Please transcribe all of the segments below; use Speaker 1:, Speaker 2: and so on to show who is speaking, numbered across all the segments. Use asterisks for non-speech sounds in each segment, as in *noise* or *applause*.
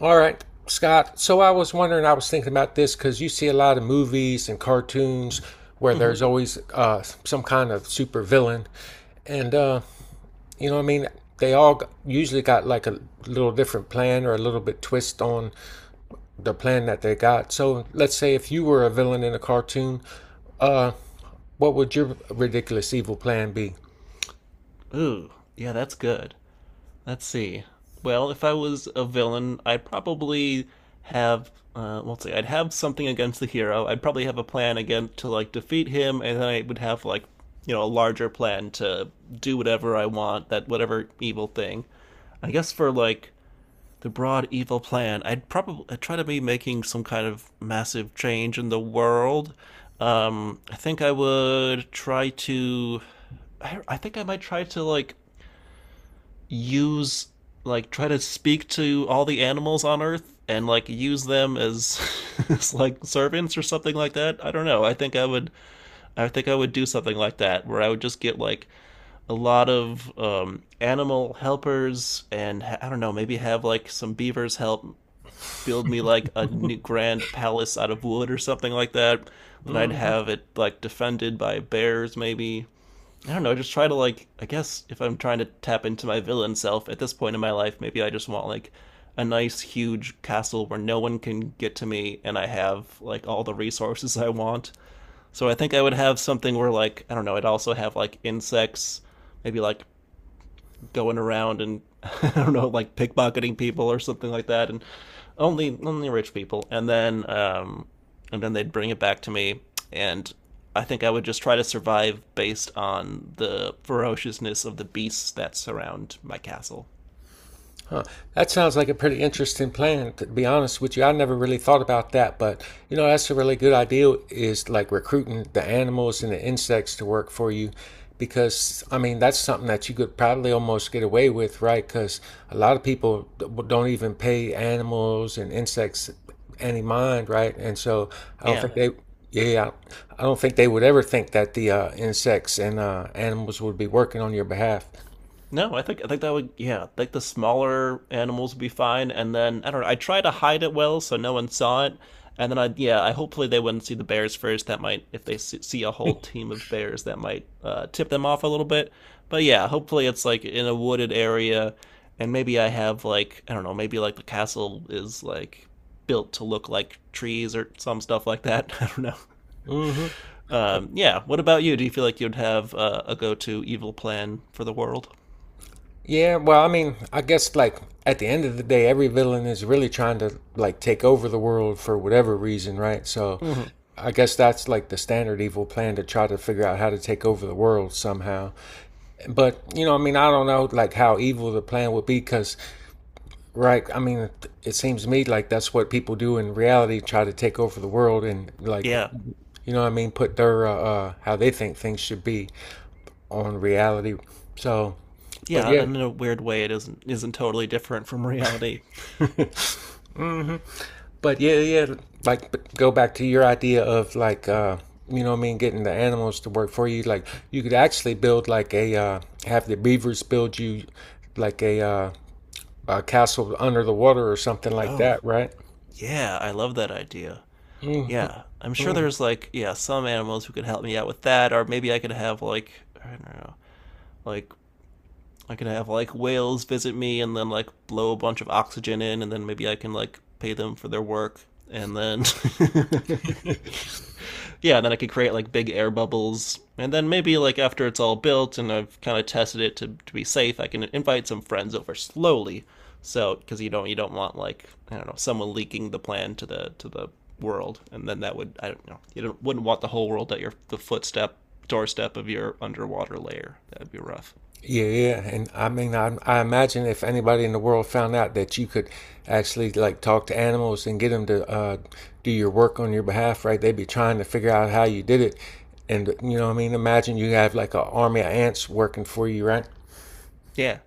Speaker 1: All right, Scott. So I was wondering, I was thinking about this because you see a lot of movies and cartoons where
Speaker 2: Mm-hmm.
Speaker 1: there's always some kind of super villain. And, you know, what I mean, they all usually got like a little different plan or a little bit twist on the plan that they got. So let's say if you were a villain in a cartoon, uh, what would your ridiculous evil plan be?
Speaker 2: Ooh, yeah, that's good. Let's see. Well, if I was a villain, I'd probably have well, let's see, I'd have something against the hero. I'd probably have a plan again to like defeat him, and then I would have like, you know, a larger plan to do whatever I want, that whatever evil thing. I guess for like the broad evil plan. I'd try to be making some kind of massive change in the world. I think I would try to. I think I might try to like use like try to speak to all the animals on Earth and like use them as *laughs* as like servants or something like that. I don't know. I think I would do something like that where I would just get like a lot of animal helpers and I don't know, maybe have like some beavers help build me like a new grand palace out of wood or something like that. Then I'd have it like defended by bears, maybe. I don't know. Just try to like. I guess if I'm trying to tap into my villain self at this point in my life, maybe I just want like a nice huge castle where no one can get to me, and I have like all the resources I want. So I think I would have something where like I don't know. I'd also have like insects, maybe like going around and *laughs* I don't know, like pickpocketing people or something like that, and only rich people. And then they'd bring it back to me, and I think I would just try to survive based on the ferociousness of the beasts that surround my castle.
Speaker 1: Huh. That sounds like a pretty interesting plan. To be honest with you, I never really thought about that, but you know that's a really good idea. Is like recruiting the animals and the insects to work for you, because I mean that's something that you could probably almost get away with, right? Because a lot of people don't even pay animals and insects any mind, right? And so I don't
Speaker 2: Yeah,
Speaker 1: think they, yeah, I don't think they would ever think that the insects and animals would be working on your behalf.
Speaker 2: no, I think that would yeah, I think the smaller animals would be fine. And then I don't know. I try to hide it well so no one saw it. And then I yeah, I hopefully they wouldn't see the bears first. That might if they see a whole team of bears, that might tip them off a little bit. But yeah, hopefully it's like in a wooded area, and maybe I have like I don't know, maybe like the castle is like built to look like trees or some stuff like that. *laughs* I don't know.
Speaker 1: Mm-hmm.
Speaker 2: Yeah. What about you? Do you feel like you'd have a go-to evil plan for the world?
Speaker 1: Yeah, well, I mean, I guess like at the end of the day, every villain is really trying to like take over the world for whatever reason, right? So
Speaker 2: Hmm.
Speaker 1: I guess that's like the standard evil plan to try to figure out how to take over the world somehow. But, you know, I mean, I don't know like how evil the plan would be because, right, I mean, it seems to me like that's what people do in reality try to take over the world and like,
Speaker 2: Yeah,
Speaker 1: you know what I mean, put their, how they think things should be on reality. So, but
Speaker 2: yeah,
Speaker 1: yeah.
Speaker 2: and in a weird way, it isn't totally different from reality.
Speaker 1: *laughs* But like go back to your idea of like getting the animals to work for you. Like you could actually build like a have the beavers build you like a castle under the water or something like
Speaker 2: Oh,
Speaker 1: that, right?
Speaker 2: yeah, I love that idea.
Speaker 1: Mm-hmm.
Speaker 2: Yeah, I'm sure
Speaker 1: Mm-hmm.
Speaker 2: there's like yeah some animals who could help me out with that, or maybe I could have like I don't know, like I could have like whales visit me and then like blow a bunch of oxygen in, and then maybe I can like pay them for their work, and then *laughs* yeah, and then I could create like big air bubbles, and then maybe like after it's all built and I've kind of tested it to be safe, I can invite some friends over slowly. So because you don't want like I don't know someone leaking the plan to the world, and then that would I don't know you don't, wouldn't want the whole world at your the footstep doorstep of your underwater layer. That would be rough.
Speaker 1: Yeah, yeah, and I mean, I imagine if anybody in the world found out that you could actually like talk to animals and get them to do your work on your behalf, right? They'd be trying to figure out how you did it, and you know, what I mean, imagine you have like an army of ants working for you, right?
Speaker 2: Yeah.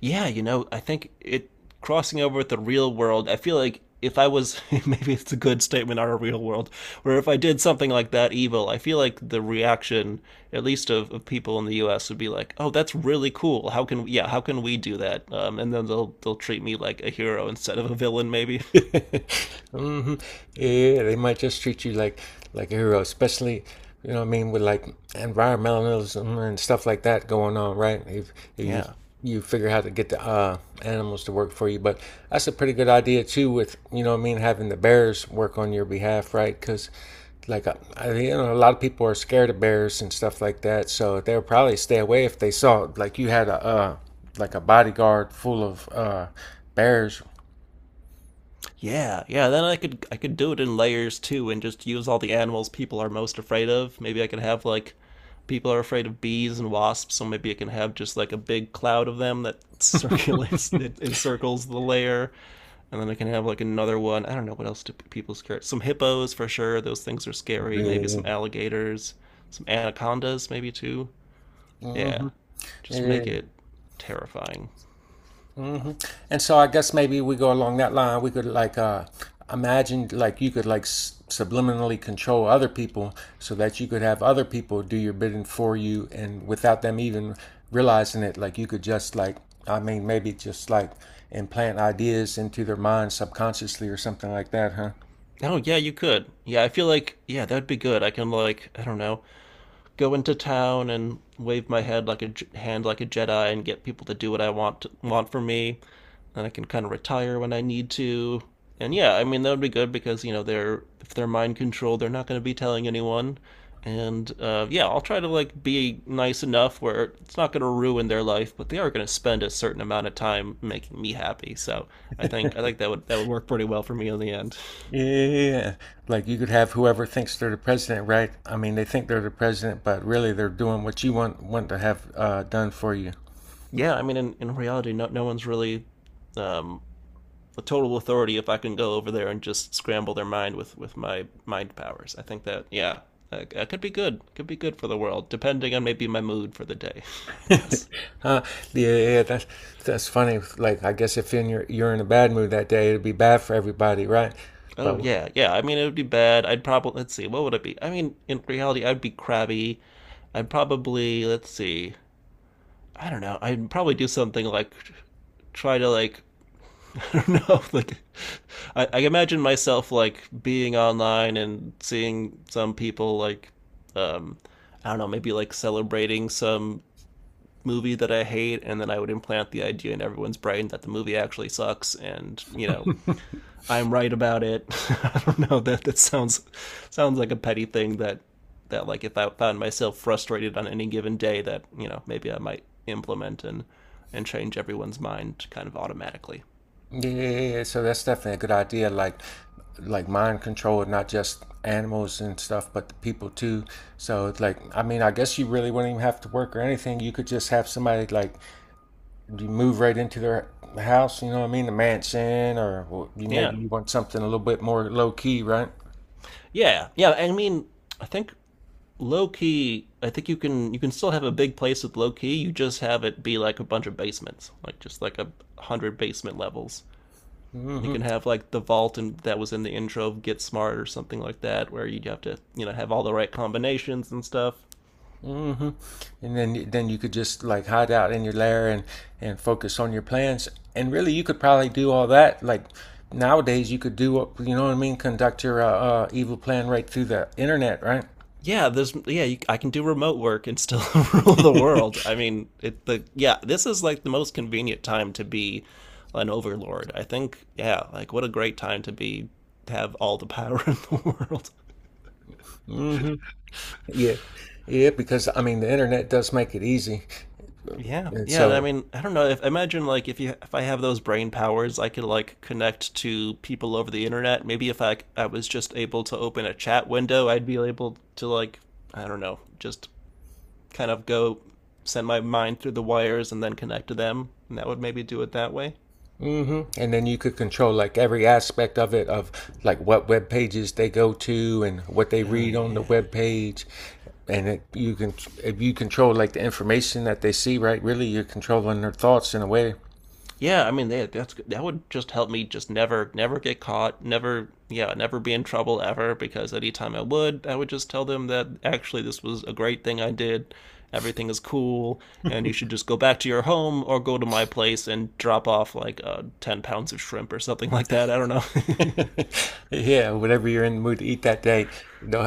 Speaker 2: Yeah, you know, I think it crossing over with the real world, I feel like if I was *laughs* maybe it's a good statement on a real world, where if I did something like that evil, I feel like the reaction, at least of people in the US, would be like, oh, that's really cool. How can yeah, how can we do that? And then they'll treat me like a hero instead of a villain maybe. *laughs*
Speaker 1: *laughs* Hmm. Yeah, they might just treat you like a hero, especially you know what I mean with like environmentalism and stuff like that going on, right? If you
Speaker 2: Yeah.
Speaker 1: you figure how to get the animals to work for you, but that's a pretty good idea too. With you know what I mean having the bears work on your behalf, right? Because like you know a lot of people are scared of bears and stuff like that, so they'll probably stay away if they saw like you had a like a bodyguard full of bears.
Speaker 2: Yeah, yeah. Then I could do it in layers too, and just use all the animals people are most afraid of. Maybe I could have like people are afraid of bees and wasps, so maybe I can have just like a big cloud of them that *laughs* circulates that encircles the layer, and then I can have like another one. I don't know what else do people scare. Some hippos for sure. Those things are scary. Maybe
Speaker 1: Yeah.
Speaker 2: some alligators, some anacondas maybe too.
Speaker 1: Mm-hmm.
Speaker 2: Yeah, just
Speaker 1: Yeah.
Speaker 2: make it terrifying.
Speaker 1: Hmm. And so I guess maybe we go along that line. We could like imagine like you could like s subliminally control other people so that you could have other people do your bidding for you and without them even realizing it, like you could just like I mean maybe just like implant ideas into their mind subconsciously or something like that, huh?
Speaker 2: Oh yeah, you could. Yeah, I feel like yeah, that'd be good. I can like I don't know go into town and wave my head like a hand like a Jedi and get people to do what want for me. Then I can kind of retire when I need to. And yeah, I mean that would be good because you know they're if they're mind controlled, they're not going to be telling anyone. And yeah, I'll try to like be nice enough where it's not going to ruin their life, but they are going to spend a certain amount of time making me happy. So I think that would work pretty well for me in the end.
Speaker 1: Yeah, like you could have whoever thinks they're the president, right? I mean, they think they're the president, but really they're doing what you want to have done for you.
Speaker 2: Yeah, I mean in reality, no one's really um, the total authority if I can go over there and just scramble their mind with my mind powers. I think that yeah, that, could be good. Could be good for the world, depending on maybe my mood for the day. *laughs* I
Speaker 1: *laughs*
Speaker 2: guess.
Speaker 1: Uh, yeah, yeah, that's that's funny. Like, I guess if in your you're in a bad mood that day, it'd be bad for everybody, right?
Speaker 2: Oh
Speaker 1: But
Speaker 2: yeah, yeah. I mean, it would be bad. I'd probably let's see, what would it be? I mean, in reality, I'd be crabby. I'd probably let's see. I don't know. I'd probably do something like try to like *laughs* I don't know. Like, I imagine myself like being online and seeing some people like, um, I don't know, maybe like celebrating some movie that I hate, and then I would implant the idea in everyone's brain that the movie actually sucks, and you know, I'm right about it. *laughs* I don't know. That sounds sounds like a petty thing that that like if I found myself frustrated on any given day, that you know maybe I might implement and change everyone's mind kind of automatically.
Speaker 1: yeah, so that's definitely a good idea. Like mind control, not just animals and stuff, but the people too. So it's like, I mean, I guess you really wouldn't even have to work or anything. You could just have somebody like you move right into their house. You know what I mean? The mansion, or you
Speaker 2: Yeah,
Speaker 1: maybe you want something a little bit more low key, right?
Speaker 2: yeah, yeah. I mean, I think low key. I think you can still have a big place with low key. You just have it be like a bunch of basements, like just like a hundred basement levels. And you
Speaker 1: Mm-hmm.
Speaker 2: can have like the vault and that was in the intro of Get Smart or something like that, where you have to you know have all the right combinations and stuff.
Speaker 1: Hmm. And then you could just like hide out in your lair and focus on your plans. And really, you could probably do all that. Like nowadays, you could do what you know what I mean. Conduct your evil plan right through the internet, right?
Speaker 2: Yeah, there's yeah, you, I can do remote work and still *laughs* rule the world. I mean, it the yeah, this is like the most convenient time to be an overlord. I think yeah, like what a great time to be have all the power *laughs* in the world.
Speaker 1: Hmm. Yeah, yeah. Because I mean, the internet does make it easy,
Speaker 2: Yeah,
Speaker 1: and
Speaker 2: yeah. And I
Speaker 1: so
Speaker 2: mean, I don't know. If imagine like if you if I have those brain powers, I could like connect to people over the internet. Maybe if I was just able to open a chat window, I'd be able to like I don't know, just kind of go send my mind through the wires and then connect to them, and that would maybe do it that way.
Speaker 1: hmm. And then you could control like every aspect of it, of like what web pages they go to and what they
Speaker 2: Oh
Speaker 1: read on the
Speaker 2: yeah,
Speaker 1: web page, and you can if you control like the information that they see, right? Really, you're controlling their thoughts in a way. *laughs*
Speaker 2: yeah. I mean, they, that's that would just help me just never get caught, never, yeah, never be in trouble ever. Because anytime I would just tell them that actually this was a great thing I did. Everything is cool, and you should just go back to your home or go to my place and drop off like 10 pounds of shrimp or something *laughs* like that. I don't know.
Speaker 1: Yeah, whatever you're in the mood to eat that day,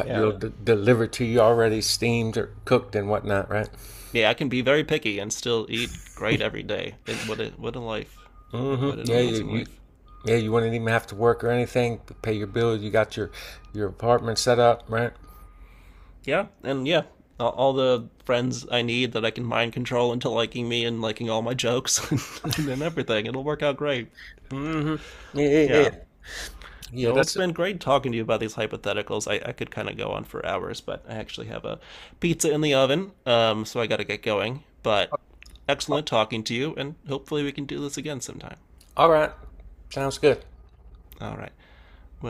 Speaker 2: *laughs* Yeah,
Speaker 1: they'll deliver to you already steamed or cooked and whatnot, right?
Speaker 2: yeah, I can be very picky and still eat great every day. It, what a life!
Speaker 1: Hmm.
Speaker 2: What an
Speaker 1: Yeah, you,
Speaker 2: amazing
Speaker 1: you
Speaker 2: life!
Speaker 1: yeah you wouldn't even have to work or anything. Pay your bills. You got your apartment set up, right?
Speaker 2: Yeah, and yeah, all, the friends I need that I can mind control into liking me and liking all my jokes *laughs* and, everything. It'll work out great.
Speaker 1: Hmm. Yeah, yeah, yeah.
Speaker 2: Yeah. Yeah,
Speaker 1: Yeah,
Speaker 2: well, it's
Speaker 1: that's it.
Speaker 2: been great talking to you about these hypotheticals. I could kind of go on for hours, but I actually have a pizza in the oven, so I got to get going. But excellent talking to you, and hopefully we can do this again sometime.
Speaker 1: All right. Sounds good.
Speaker 2: All right. Well,